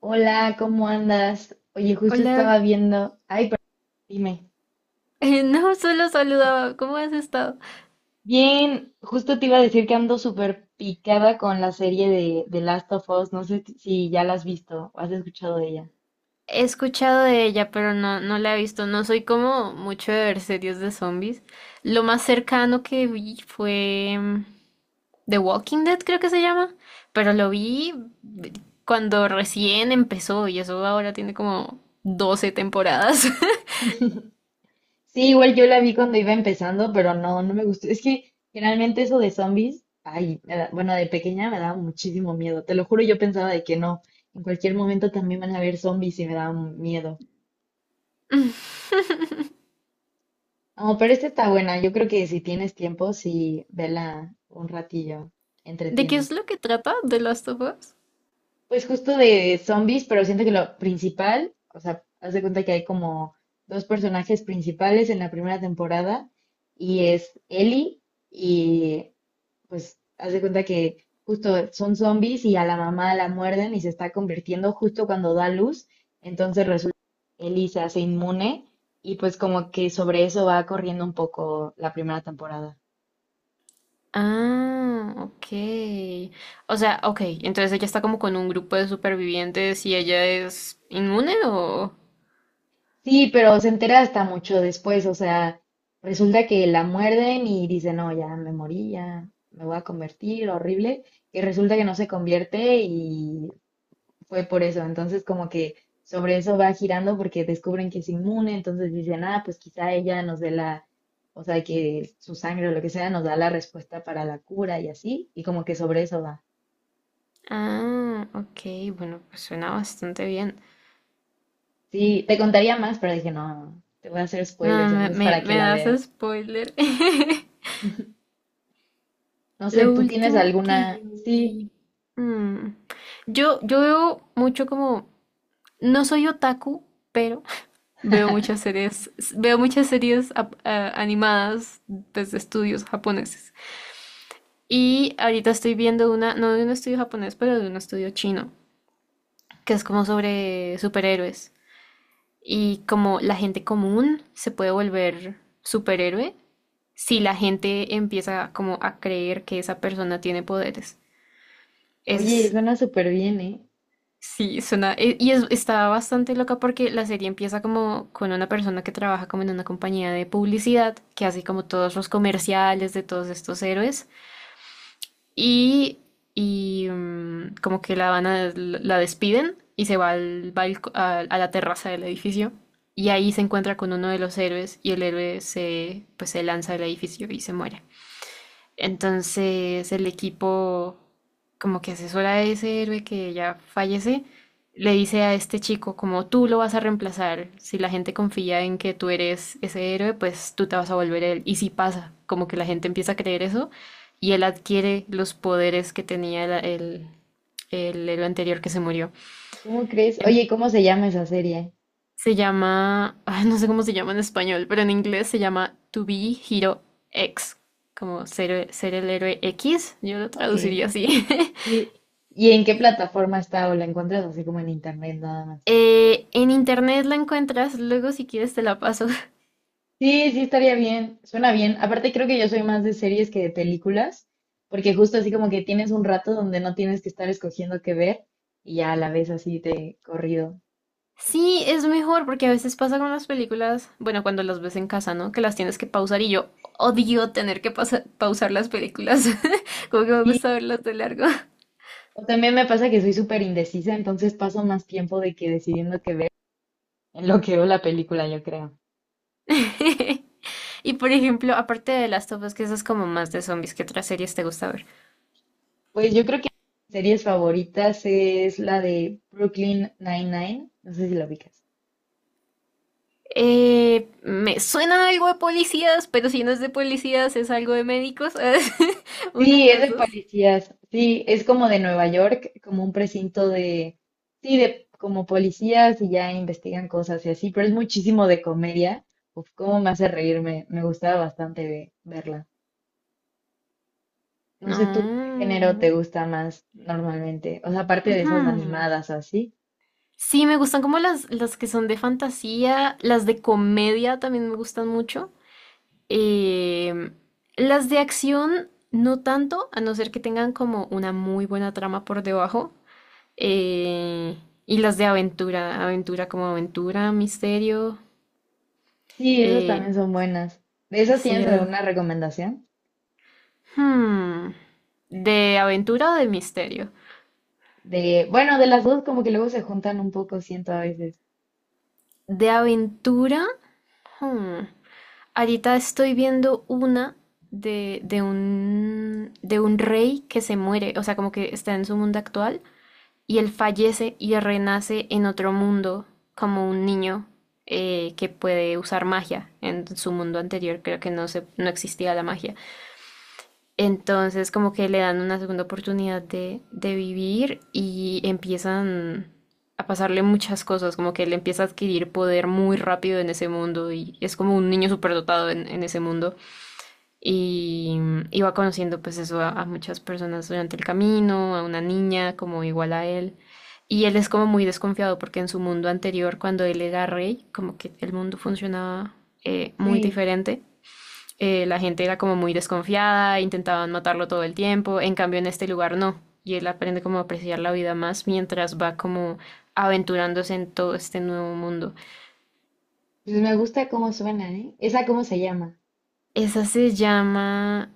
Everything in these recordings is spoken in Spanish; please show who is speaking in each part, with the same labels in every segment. Speaker 1: Hola, ¿cómo andas? Oye, justo
Speaker 2: Hola,
Speaker 1: estaba viendo. Ay, pero dime.
Speaker 2: no, solo saludaba. ¿Cómo has estado?
Speaker 1: Bien, justo te iba a decir que ando súper picada con la serie de Last of Us. No sé si ya la has visto o has escuchado de ella.
Speaker 2: He escuchado de ella, pero no la he visto. No soy como mucho de ver series de zombies. Lo más cercano que vi fue The Walking Dead, creo que se llama, pero lo vi mm, cuando recién empezó y eso ahora tiene como 12 temporadas.
Speaker 1: Sí, igual yo la vi cuando iba empezando, pero no me gustó. Es que generalmente eso de zombies, ay, bueno, de pequeña me daba muchísimo miedo. Te lo juro, yo pensaba de que no. En cualquier momento también van a haber zombies y me daba miedo. Oh, pero esta está buena. Yo creo que si tienes tiempo, sí, vela un ratillo.
Speaker 2: ¿De qué
Speaker 1: Entretiene.
Speaker 2: es lo que trata The Last of Us?
Speaker 1: Pues justo de zombies, pero siento que lo principal, o sea, haz de cuenta que hay como dos personajes principales en la primera temporada y es Ellie y pues haz de cuenta que justo son zombies y a la mamá la muerden y se está convirtiendo justo cuando da luz. Entonces resulta que Ellie se hace inmune y pues como que sobre eso va corriendo un poco la primera temporada.
Speaker 2: Ah, ok. O sea, ok, entonces ella está como con un grupo de supervivientes y ella es inmune o...
Speaker 1: Sí, pero se entera hasta mucho después, o sea, resulta que la muerden y dice, no, ya me morí, ya me voy a convertir, horrible, y resulta que no se convierte y fue por eso, entonces como que sobre eso va girando porque descubren que es inmune, entonces dicen, ah, pues quizá ella nos dé la, o sea, que su sangre o lo que sea nos da la respuesta para la cura y así, y como que sobre eso va.
Speaker 2: Ah, ok, bueno, pues suena bastante bien.
Speaker 1: Sí, te contaría más, pero dije, no, te voy a hacer
Speaker 2: No,
Speaker 1: spoilers,
Speaker 2: me,
Speaker 1: entonces
Speaker 2: me,
Speaker 1: para que
Speaker 2: me
Speaker 1: la
Speaker 2: das
Speaker 1: veas.
Speaker 2: spoiler.
Speaker 1: No sé,
Speaker 2: Lo
Speaker 1: ¿tú tienes
Speaker 2: último que yo
Speaker 1: alguna? Sí,
Speaker 2: vi... mm, yo veo mucho como... No soy otaku, pero veo muchas series, veo muchas series animadas desde estudios japoneses. Y ahorita estoy viendo una, no de un estudio japonés, pero de un estudio chino, que es como sobre superhéroes. Y como la gente común se puede volver superhéroe si la gente empieza como a creer que esa persona tiene poderes.
Speaker 1: oye,
Speaker 2: Es,
Speaker 1: suena súper bien, ¿eh?
Speaker 2: sí, suena, está bastante loca porque la serie empieza como con una persona que trabaja como en una compañía de publicidad, que hace como todos los comerciales de todos estos héroes. y, Como que la van a, la despiden y se va, a la terraza del edificio y ahí se encuentra con uno de los héroes y el héroe se, pues, se lanza del edificio y se muere. Entonces el equipo como que asesora a ese héroe que ya fallece, le dice a este chico como tú lo vas a reemplazar, si la gente confía en que tú eres ese héroe, pues tú te vas a volver él. Y si pasa, como que la gente empieza a creer eso y él adquiere los poderes que tenía el héroe anterior que se murió.
Speaker 1: ¿Cómo crees?
Speaker 2: En-
Speaker 1: Oye, ¿cómo se llama esa serie?
Speaker 2: Se llama, ay, no sé cómo se llama en español, pero en inglés se llama To Be Hero X, como ser, ser el héroe X, yo lo
Speaker 1: Ok,
Speaker 2: traduciría así.
Speaker 1: sí. ¿Y en qué plataforma está o la encuentras así como en internet nada más?
Speaker 2: En internet la encuentras, luego si quieres te la paso.
Speaker 1: Sí, sí, estaría bien, suena bien. Aparte creo que yo soy más de series que de películas, porque justo así como que tienes un rato donde no tienes que estar escogiendo qué ver y ya la ves así de corrido.
Speaker 2: Sí, es mejor porque a veces pasa con las películas, bueno, cuando las ves en casa, ¿no? Que las tienes que pausar y yo odio tener que pausar las películas, como que me
Speaker 1: Sí,
Speaker 2: gusta verlas de largo.
Speaker 1: o también me pasa que soy súper indecisa, entonces paso más tiempo de que decidiendo qué ver en lo que veo la película, yo creo.
Speaker 2: Y por ejemplo, aparte de Last of Us, que esas como más de zombies, ¿qué otras series te gusta ver?
Speaker 1: Pues yo creo que mis series favoritas es la de Brooklyn Nine-Nine. No sé si la ubicas.
Speaker 2: Me suena algo de policías, pero si no es de policías, es algo de médicos. Una de
Speaker 1: Sí, es
Speaker 2: las
Speaker 1: de
Speaker 2: dos.
Speaker 1: policías. Sí, es como de Nueva York, como un precinto de, sí, de como policías y ya investigan cosas y así, pero es muchísimo de comedia. Uf, cómo me hace reírme. Me gustaba bastante verla. No sé tú qué género te
Speaker 2: No.
Speaker 1: gusta más normalmente. O sea, aparte de
Speaker 2: Ujú.
Speaker 1: esas animadas o así.
Speaker 2: Sí, me gustan como las que son de fantasía, las de comedia también me gustan mucho. Eh, las de acción, no tanto, a no ser que tengan como una muy buena trama por debajo. Eh, y las de aventura, aventura como aventura, misterio.
Speaker 1: Sí, esas
Speaker 2: Eh,
Speaker 1: también son buenas. ¿De esas tienes
Speaker 2: sí.
Speaker 1: alguna recomendación?
Speaker 2: Hmm, ¿De aventura o de misterio?
Speaker 1: De, bueno, de las dos como que luego se juntan un poco, siento a veces.
Speaker 2: De aventura. hmm, Ahorita estoy viendo una de un rey que se muere, o sea, como que está en su mundo actual y él fallece y renace en otro mundo como un niño que puede usar magia. En su mundo anterior creo que no existía la magia. Entonces como que le dan una segunda oportunidad de vivir y empiezan a pasarle muchas cosas, como que él empieza a adquirir poder muy rápido en ese mundo y es como un niño superdotado en ese mundo y, y va conociendo pues eso a muchas personas durante el camino, a una niña como igual a él. Y él es como muy desconfiado porque en su mundo anterior, cuando él era rey, como que el mundo funcionaba muy
Speaker 1: Sí,
Speaker 2: diferente. La gente era como muy desconfiada, intentaban matarlo todo el tiempo, en cambio en este lugar no, y él aprende como a apreciar la vida más mientras va como aventurándose en todo este nuevo mundo.
Speaker 1: pues me gusta cómo suena, ¿eh? ¿Esa cómo se llama?
Speaker 2: Esa se llama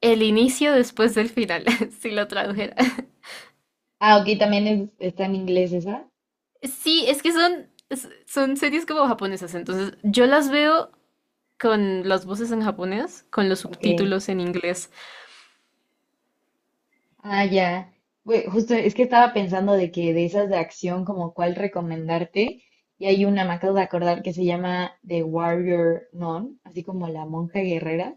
Speaker 2: El inicio después del final, si lo tradujera.
Speaker 1: Ah, ok, también está en inglés esa.
Speaker 2: Sí, es que son, son series como japonesas, entonces yo las veo con las voces en japonés, con los
Speaker 1: Ok.
Speaker 2: subtítulos en inglés.
Speaker 1: Ah, ya. Güey, justo es que estaba pensando de que de esas de acción, como cuál recomendarte. Y hay una, me acabo de acordar, que se llama The Warrior Nun, así como la monja guerrera.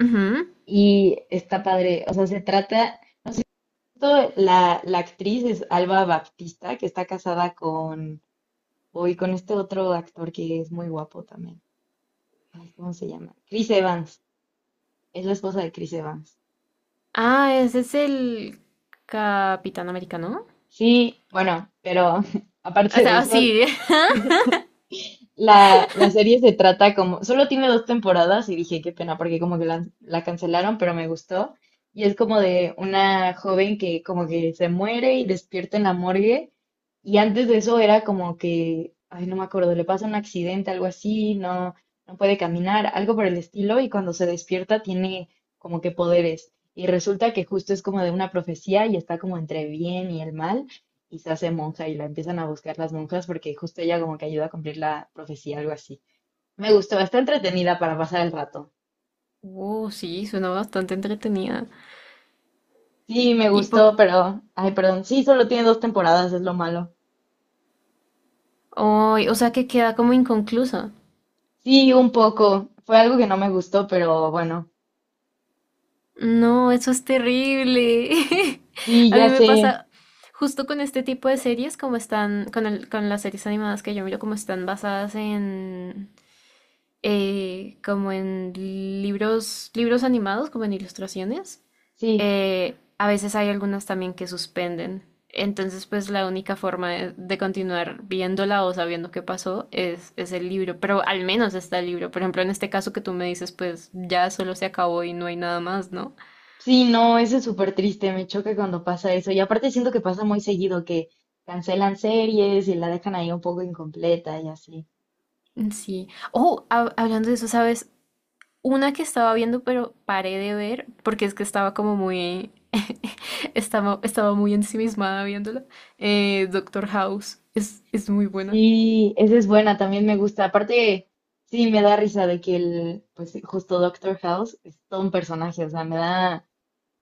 Speaker 2: Ujú.
Speaker 1: Y está padre, o sea, se trata, todo la actriz es Alba Baptista, que está casada con Uy, con este otro actor que es muy guapo también. Ay, ¿cómo se llama? Chris Evans. Es la esposa de Chris Evans.
Speaker 2: Ah, ese es el Capitán Americano.
Speaker 1: Sí, bueno, pero
Speaker 2: O
Speaker 1: aparte de
Speaker 2: sea,
Speaker 1: eso,
Speaker 2: sí,
Speaker 1: La serie se trata como, solo tiene dos temporadas y dije, qué pena, porque como que la cancelaron, pero me gustó. Y es como de una joven que como que se muere y despierta en la morgue. Y antes de eso era como que, ay, no me acuerdo, le pasa un accidente, algo así, no, no puede caminar, algo por el estilo. Y cuando se despierta tiene como que poderes. Y resulta que justo es como de una profecía y está como entre bien y el mal y se hace monja y la empiezan a buscar las monjas porque justo ella como que ayuda a cumplir la profecía, algo así. Me gustó, está entretenida para pasar el rato.
Speaker 2: Sí, suena bastante entretenida.
Speaker 1: Sí, me
Speaker 2: Y po-
Speaker 1: gustó, pero, ay, perdón, sí, solo tiene dos temporadas, es lo malo.
Speaker 2: ay, o sea que queda como inconclusa.
Speaker 1: Sí, un poco, fue algo que no me gustó, pero bueno,
Speaker 2: No, eso es terrible.
Speaker 1: sí,
Speaker 2: A mí
Speaker 1: ya
Speaker 2: me
Speaker 1: sé,
Speaker 2: pasa justo con este tipo de series, como están, con las series animadas que yo miro, como están basadas en, como en libros, libros animados, como en ilustraciones.
Speaker 1: sí,
Speaker 2: A veces hay algunas también que suspenden. Entonces, pues la única forma de continuar viéndola o sabiendo qué pasó es el libro, pero al menos está el libro. Por ejemplo, en este caso que tú me dices, pues ya solo se acabó y no hay nada más, ¿no?
Speaker 1: sí, no, eso es súper triste, me choca cuando pasa eso. Y aparte siento que pasa muy seguido, que cancelan series y la dejan ahí un poco incompleta y así.
Speaker 2: Sí. Oh, hablando de eso, ¿sabes? Una que estaba viendo, pero paré de ver porque es que estaba como muy. Estaba muy ensimismada viéndola. Doctor House es muy buena.
Speaker 1: Sí, esa es buena, también me gusta. Aparte, sí, me da risa de que el, pues justo Doctor House es todo un personaje, o sea,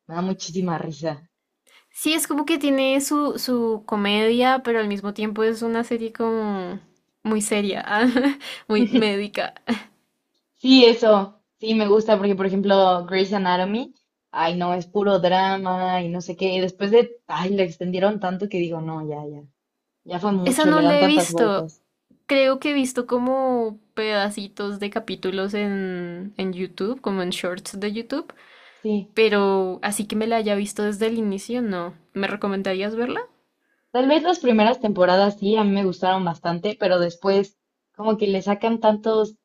Speaker 1: me da muchísima risa.
Speaker 2: Sí, es como que tiene su, su comedia, pero al mismo tiempo es una serie como muy seria, ah, muy médica.
Speaker 1: Sí, eso, sí, me gusta porque, por ejemplo, Grey's Anatomy, ay, no, es puro drama y no sé qué. Y después de, ay, le extendieron tanto que digo, no, ya, ya fue
Speaker 2: Esa
Speaker 1: mucho,
Speaker 2: no
Speaker 1: le dan
Speaker 2: la he
Speaker 1: tantas
Speaker 2: visto.
Speaker 1: vueltas.
Speaker 2: Creo que he visto como pedacitos de capítulos en YouTube, como en shorts de YouTube.
Speaker 1: Sí,
Speaker 2: Pero así que me la haya visto desde el inicio, no. ¿Me recomendarías verla?
Speaker 1: tal vez las primeras temporadas sí, a mí me gustaron bastante, pero después como que le sacan tantos.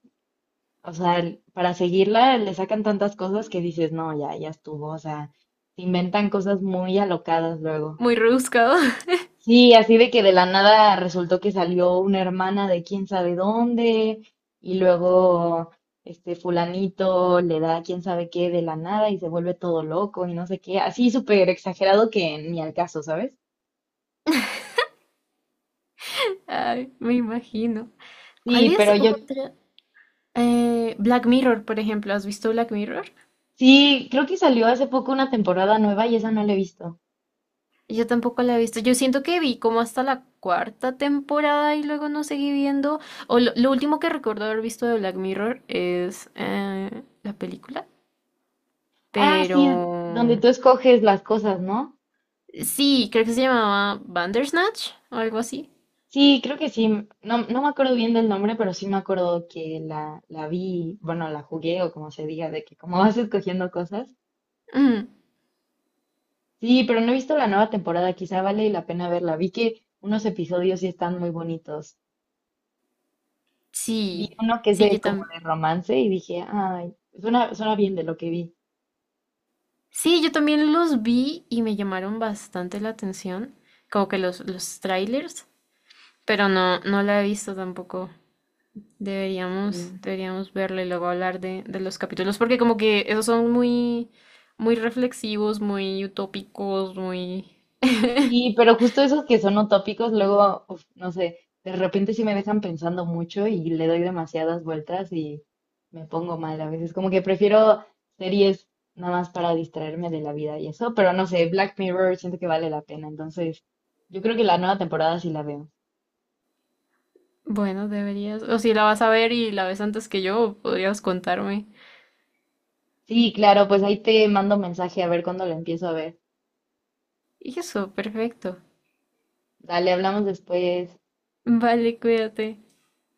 Speaker 1: O sea, para seguirla le sacan tantas cosas que dices, no, ya estuvo. O sea, se inventan cosas muy alocadas luego.
Speaker 2: Muy rebuscado.
Speaker 1: Sí, así de que de la nada resultó que salió una hermana de quién sabe dónde y luego este fulanito le da quién sabe qué de la nada y se vuelve todo loco y no sé qué. Así súper exagerado que ni al caso, ¿sabes?
Speaker 2: Ay, me imagino. ¿Cuál
Speaker 1: Sí,
Speaker 2: es
Speaker 1: pero yo
Speaker 2: otra? Black Mirror, por ejemplo. ¿Has visto Black Mirror?
Speaker 1: sí, creo que salió hace poco una temporada nueva y esa no la he visto.
Speaker 2: Yo tampoco la he visto. Yo siento que vi como hasta la cuarta temporada y luego no seguí viendo. O lo último que recuerdo haber visto de Black Mirror es la película.
Speaker 1: Ah,
Speaker 2: Pero
Speaker 1: sí, donde tú escoges las cosas, ¿no?
Speaker 2: sí, creo que se llamaba Bandersnatch o algo así.
Speaker 1: Sí, creo que sí. No, no me acuerdo bien del nombre, pero sí me acuerdo que la vi, bueno, la jugué o como se diga, de que como vas escogiendo cosas.
Speaker 2: Mm,
Speaker 1: Sí, pero no he visto la nueva temporada, quizá vale la pena verla. Vi que unos episodios sí están muy bonitos. Vi
Speaker 2: sí,
Speaker 1: uno que es
Speaker 2: sí, yo
Speaker 1: de como de
Speaker 2: también.
Speaker 1: romance y dije, ay, suena, suena bien de lo que vi.
Speaker 2: Sí, yo también los vi y me llamaron bastante la atención, como que los trailers, pero no la he visto tampoco.
Speaker 1: Sí.
Speaker 2: Deberíamos verla y luego hablar de los capítulos, porque como que esos son muy, muy reflexivos, muy utópicos, muy...
Speaker 1: Sí, pero justo esos que son utópicos, luego, uf, no sé, de repente sí me dejan pensando mucho y le doy demasiadas vueltas y me pongo mal a veces. Como que prefiero series nada más para distraerme de la vida y eso, pero no sé, Black Mirror siento que vale la pena, entonces yo creo que la nueva temporada sí la veo.
Speaker 2: Bueno, deberías, o si la vas a ver y la ves antes que yo, podrías contarme.
Speaker 1: Sí, claro, pues ahí te mando mensaje a ver cuándo la empiezo a ver.
Speaker 2: Y eso, perfecto.
Speaker 1: Dale, hablamos después.
Speaker 2: Vale, cuídate.